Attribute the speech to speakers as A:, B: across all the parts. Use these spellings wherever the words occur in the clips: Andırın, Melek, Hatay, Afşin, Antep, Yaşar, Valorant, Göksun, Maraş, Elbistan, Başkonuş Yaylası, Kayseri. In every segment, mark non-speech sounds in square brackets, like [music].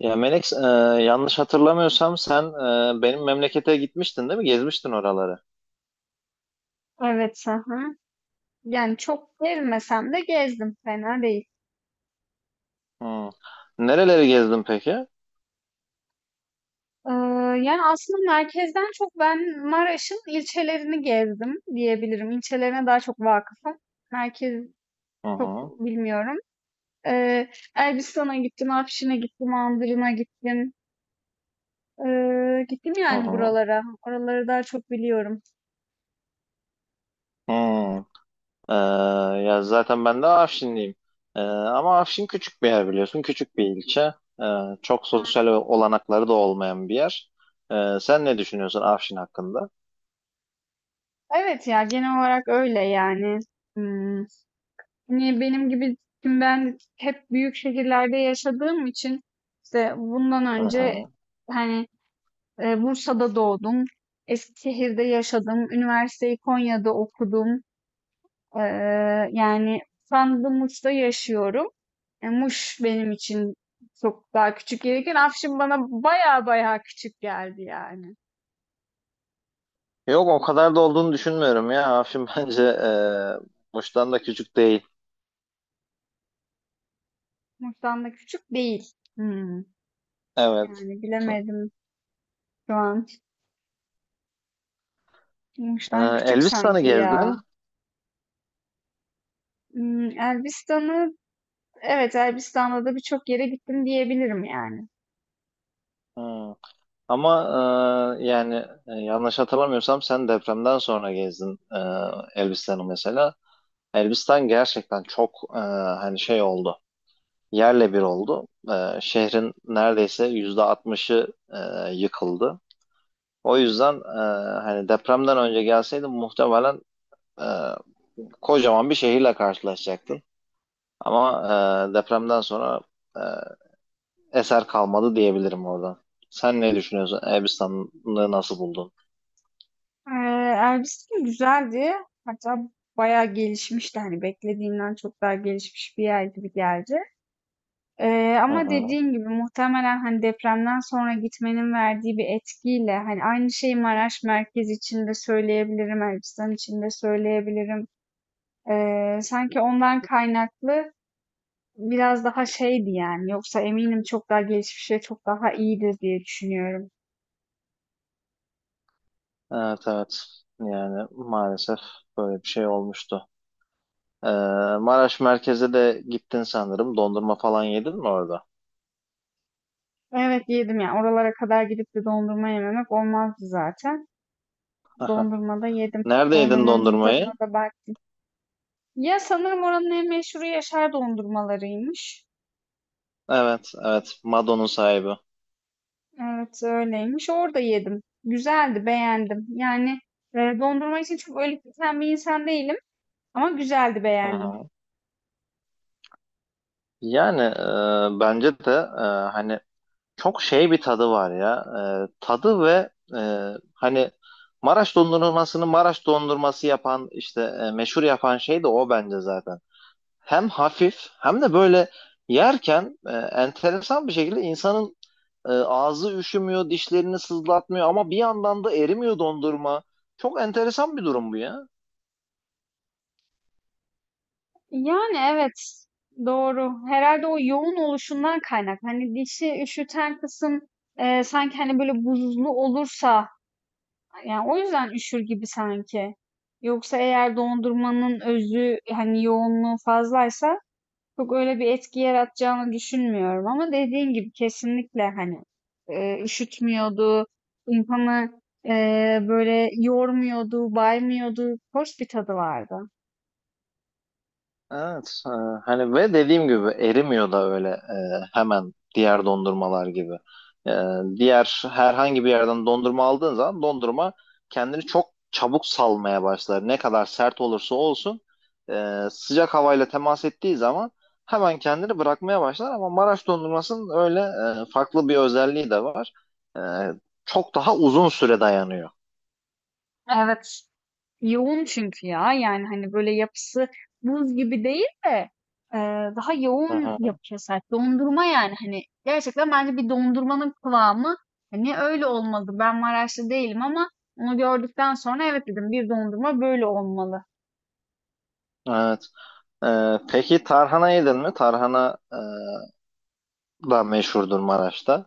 A: Ya Melek, yanlış hatırlamıyorsam sen benim memlekete gitmiştin değil mi? Gezmiştin oraları.
B: Evet, hı hı. Yani çok gezmesem de gezdim, fena değil.
A: Hı. Nereleri gezdin peki?
B: Ee, Yani aslında merkezden çok ben Maraş'ın ilçelerini gezdim diyebilirim. İlçelerine daha çok vakıfım. Merkez
A: Hı hı,
B: çok bilmiyorum. Ee, Elbistan'a gittim, Afşin'e gittim, Andırın'a gittim. Gittim
A: hı
B: yani
A: hı,
B: buralara. Oraları daha çok biliyorum.
A: hı. E, Ya zaten ben de Afşinliyim. Ama Afşin küçük bir yer biliyorsun, küçük bir ilçe. E, Çok sosyal olanakları da olmayan bir yer. Sen ne düşünüyorsun Afşin hakkında?
B: Evet ya genel olarak öyle yani. Hmm. Hani benim gibi, şimdi ben hep büyük şehirlerde yaşadığım için, işte bundan
A: Hı
B: önce
A: hı.
B: hani, Bursa'da doğdum, Eskişehir'de yaşadım, üniversiteyi Konya'da okudum. Yani şu anda Muş'ta yaşıyorum. Muş benim için çok daha küçük gelirken Afşin bana baya baya küçük geldi yani.
A: Yok o kadar da olduğunu düşünmüyorum ya. Afşin [laughs] bence Muş'tan da küçük değil.
B: Muş'tan da küçük değil. Hmm,
A: Evet.
B: Yani bilemedim şu an. Muş'tan küçük
A: Elbistan'ı
B: sanki ya.
A: gezdin.
B: Elbistan'ı. Evet, Elbistan'da da birçok yere gittim diyebilirim yani.
A: Hı. Ama yani yanlış hatırlamıyorsam sen depremden sonra gezdin Elbistan'ı mesela. Elbistan gerçekten çok hani şey oldu. Yerle bir oldu. Şehrin neredeyse %60'ı yıkıldı. O yüzden hani depremden önce gelseydin muhtemelen e, kocaman bir şehirle karşılaşacaktın. Ama depremden sonra eser kalmadı diyebilirim oradan. Sen ne düşünüyorsun? Elbistan'ı nasıl buldun?
B: Ee, Elbistan güzeldi. Hatta bayağı gelişmişti. Hani beklediğimden çok daha gelişmiş bir yer gibi geldi.
A: Hı
B: Ama
A: hı.
B: dediğin gibi muhtemelen hani depremden sonra gitmenin verdiği bir etkiyle, hani aynı şeyi Maraş merkez için de söyleyebilirim, Elbistan için de söyleyebilirim. Sanki ondan kaynaklı biraz daha şeydi yani. Yoksa eminim çok daha gelişmiş ve çok daha iyidir diye düşünüyorum.
A: Evet, evet. Yani maalesef böyle bir şey olmuştu. Ee, Maraş merkeze de gittin sanırım. Dondurma falan yedin mi orada?
B: Evet yedim ya. Oralara kadar gidip de dondurma yememek olmazdı zaten.
A: [laughs]
B: Dondurma da yedim.
A: Nerede yedin
B: Dondurmanızın
A: dondurmayı?
B: tadına da baktım. Ya sanırım oranın en meşhuru Yaşar dondurmalarıymış.
A: Evet, evet. Mado'nun sahibi.
B: Evet öyleymiş. Orada yedim. Güzeldi, beğendim. Yani dondurma için çok öyle biten bir insan değilim, ama güzeldi,
A: Hı
B: beğendim.
A: hı. Yani bence de hani çok şey bir tadı var ya. Tadı ve hani Maraş dondurmasını Maraş dondurması yapan işte meşhur yapan şey de o bence zaten. Hem hafif hem de böyle yerken enteresan bir şekilde insanın ağzı üşümüyor, dişlerini sızlatmıyor ama bir yandan da erimiyor dondurma. Çok enteresan bir durum bu ya.
B: Yani evet, doğru. Herhalde o yoğun oluşundan kaynak. Hani dişi üşüten kısım, sanki hani böyle buzlu olursa, yani o yüzden üşür gibi sanki. Yoksa eğer dondurmanın özü, hani yoğunluğu fazlaysa, çok öyle bir etki yaratacağını düşünmüyorum. Ama dediğin gibi kesinlikle hani, üşütmüyordu, insanı e, böyle yormuyordu, baymıyordu, hoş bir tadı vardı.
A: Evet, hani ve dediğim gibi erimiyor da öyle hemen diğer dondurmalar gibi. E, Diğer herhangi bir yerden dondurma aldığın zaman dondurma kendini çok çabuk salmaya başlar. Ne kadar sert olursa olsun sıcak havayla temas ettiği zaman hemen kendini bırakmaya başlar. Ama Maraş dondurmasının öyle farklı bir özelliği de var. E, Çok daha uzun süre dayanıyor.
B: Evet. Yoğun çünkü ya. Yani hani böyle yapısı buz gibi değil de, e, daha
A: Hı
B: yoğun
A: hı,
B: yapıya sahip. Dondurma yani, hani gerçekten bence bir dondurmanın kıvamı hani öyle olmalı. Ben Maraşlı değilim ama onu gördükten sonra evet dedim, bir dondurma böyle olmalı.
A: evet. Peki tarhana yedin mi? Tarhana da meşhurdur Maraş'ta.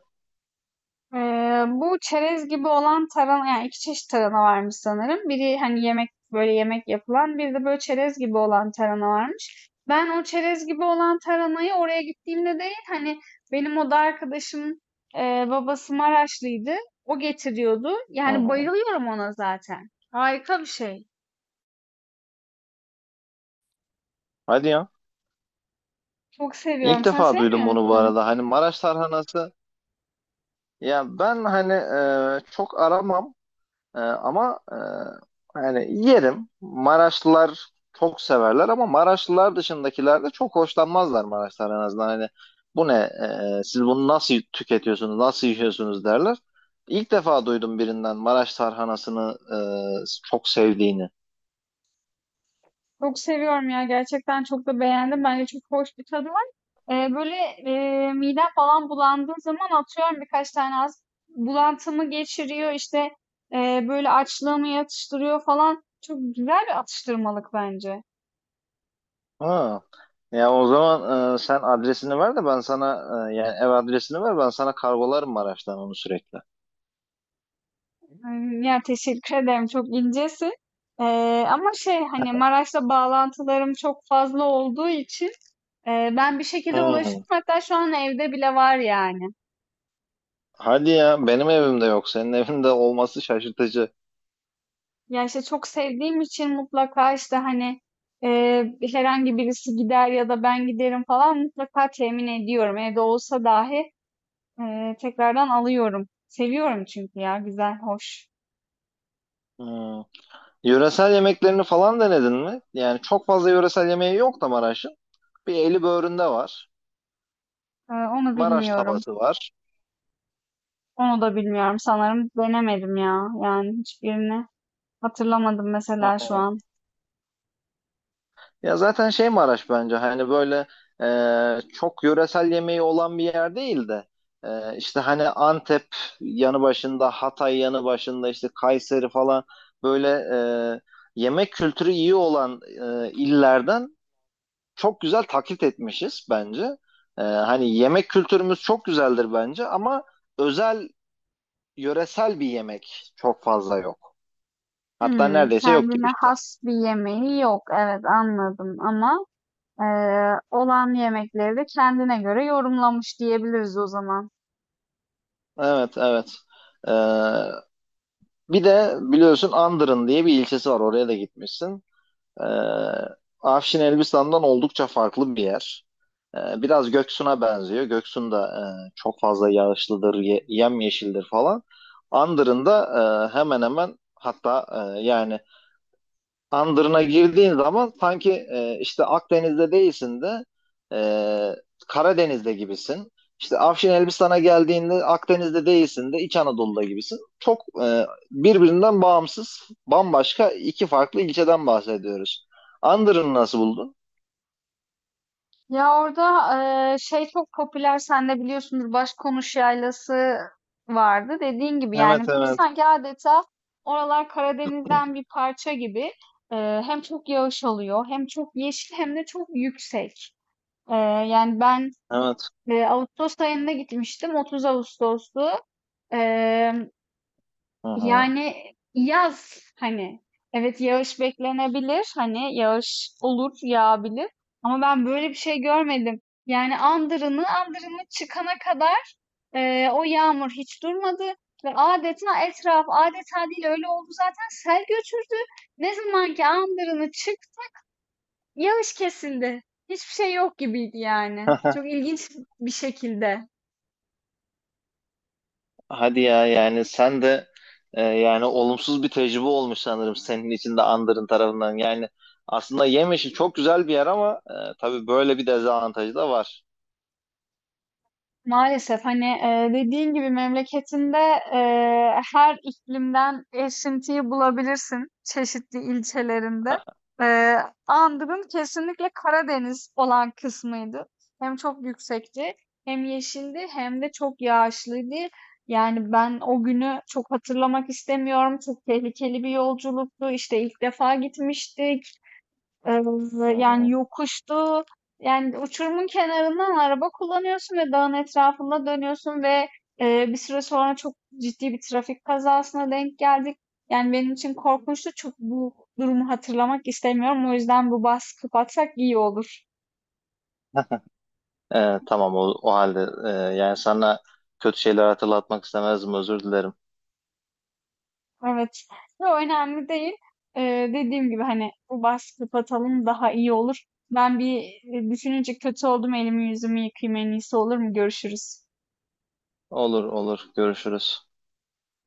B: Bu çerez gibi olan tarhana, yani iki çeşit tarhana varmış sanırım. Biri hani yemek, böyle yemek yapılan, bir de böyle çerez gibi olan tarhana varmış. Ben o çerez gibi olan tarhanayı oraya gittiğimde değil, hani benim oda arkadaşım, babası Maraşlıydı. O getiriyordu.
A: Hı
B: Yani
A: hı.
B: bayılıyorum ona zaten. Harika bir şey.
A: Hadi ya.
B: Çok seviyorum.
A: İlk
B: Sen
A: defa duydum
B: sevmiyor
A: bunu bu
B: musun?
A: arada. Hani Maraş tarhanası, ya ben hani çok aramam. Ama hani yerim. Maraşlılar çok severler ama Maraşlılar dışındakiler de çok hoşlanmazlar Maraş tarhanasından. Hani bu ne? Siz bunu nasıl tüketiyorsunuz? Nasıl yiyorsunuz derler. İlk defa duydum birinden Maraş tarhanasını çok sevdiğini.
B: Çok seviyorum ya. Gerçekten çok da beğendim. Bence çok hoş bir tadı var. Böyle midem falan bulandığı zaman atıyorum birkaç tane, az bulantımı geçiriyor işte, böyle açlığımı yatıştırıyor falan. Çok güzel bir atıştırmalık bence.
A: Ha. Ya o zaman sen adresini ver de ben sana yani ev adresini ver, ben sana kargolarım Maraş'tan onu sürekli.
B: Ya teşekkür ederim. Çok incesin. Ama şey, hani Maraş'la bağlantılarım çok fazla olduğu için, e, ben bir şekilde
A: Hmm.
B: ulaşıyorum. Hatta şu an evde bile var yani.
A: Hadi ya, benim evimde yok, senin evinde olması şaşırtıcı.
B: Ya işte, çok sevdiğim için mutlaka, işte, hani, herhangi birisi gider ya da ben giderim falan, mutlaka temin ediyorum. Evde olsa dahi, tekrardan alıyorum. Seviyorum çünkü ya, güzel, hoş.
A: Hmm. Yöresel yemeklerini falan denedin mi? Yani çok fazla yöresel yemeği yok da Maraş'ın. Bir eli böğründe var.
B: Onu
A: Maraş
B: bilmiyorum.
A: tavası var.
B: Onu da bilmiyorum sanırım. Denemedim ya. Yani hiçbirini hatırlamadım mesela şu
A: Hmm.
B: an.
A: Ya zaten şey, Maraş bence hani böyle çok yöresel yemeği olan bir yer değil de işte hani Antep yanı başında, Hatay yanı başında, işte Kayseri falan, böyle e, yemek kültürü iyi olan illerden çok güzel taklit etmişiz bence. Hani yemek kültürümüz çok güzeldir bence ama özel yöresel bir yemek çok fazla yok. Hatta neredeyse yok gibi
B: Kendine
A: işte.
B: has bir yemeği yok. Evet, anladım, ama olan yemekleri de kendine göre yorumlamış diyebiliriz o zaman.
A: Evet, evet. Ee, Bir de biliyorsun Andırın diye bir ilçesi var. Oraya da gitmişsin. Ee, Afşin Elbistan'dan oldukça farklı bir yer. Biraz Göksun'a benziyor. Göksun da çok fazla yağışlıdır, yemyeşildir falan. Andırın da hemen hemen, hatta yani Andırına girdiğin zaman sanki işte Akdeniz'de değilsin de e, Karadeniz'de gibisin. İşte Afşin Elbistan'a geldiğinde Akdeniz'de değilsin de İç Anadolu'da gibisin. Çok birbirinden bağımsız, bambaşka iki farklı ilçeden bahsediyoruz. Andırını nasıl buldun?
B: Ya orada şey, çok popüler, sen de biliyorsunuz, Başkonuş Yaylası vardı. Dediğin gibi
A: Evet,
B: yani,
A: evet,
B: sanki adeta oralar Karadeniz'den bir parça gibi. Hem çok yağış oluyor, hem çok yeşil, hem de çok yüksek. Eee, Yani ben
A: evet.
B: Ağustos ayında gitmiştim, 30 Ağustos'tu.
A: Hı hı.
B: Yani yaz, hani evet yağış beklenebilir, hani yağış olur, yağabilir, ama ben böyle bir şey görmedim. Yani Andırını çıkana kadar o yağmur hiç durmadı ve adeta etraf, adeta değil, öyle oldu zaten, sel götürdü. Ne zaman ki Andırını çık, yağış kesildi. Hiçbir şey yok gibiydi yani.
A: [laughs]
B: Çok ilginç bir şekilde.
A: Hadi ya, yani sen de yani olumsuz bir tecrübe olmuş sanırım senin için de Andır'ın tarafından. Yani aslında yem işi çok güzel bir yer ama tabii böyle bir dezavantajı da var.
B: Maalesef, hani, dediğin gibi memleketinde, her iklimden esintiyi bulabilirsin çeşitli ilçelerinde.
A: [laughs]
B: Eee, Andığım kesinlikle Karadeniz olan kısmıydı. Hem çok yüksekti, hem yeşildi, hem de çok yağışlıydı. Yani ben o günü çok hatırlamak istemiyorum. Çok tehlikeli bir yolculuktu. İşte ilk defa gitmiştik.
A: Hı
B: Yani
A: hı.
B: yokuştu. Yani uçurumun kenarından araba kullanıyorsun ve dağın etrafında dönüyorsun ve bir süre sonra çok ciddi bir trafik kazasına denk geldik. Yani benim için korkunçtu. Çok bu durumu hatırlamak istemiyorum. O yüzden bu bahsi kapatsak iyi olur.
A: Tamam, o halde yani sana kötü şeyler hatırlatmak istemezdim, özür dilerim.
B: Evet. Yo, önemli değil. Dediğim gibi, hani bu bahsi kapatalım daha iyi olur. Ben bir, düşününce kötü oldum. Elimi yüzümü yıkayayım en iyisi, olur mu? Görüşürüz.
A: Olur, olur, görüşürüz.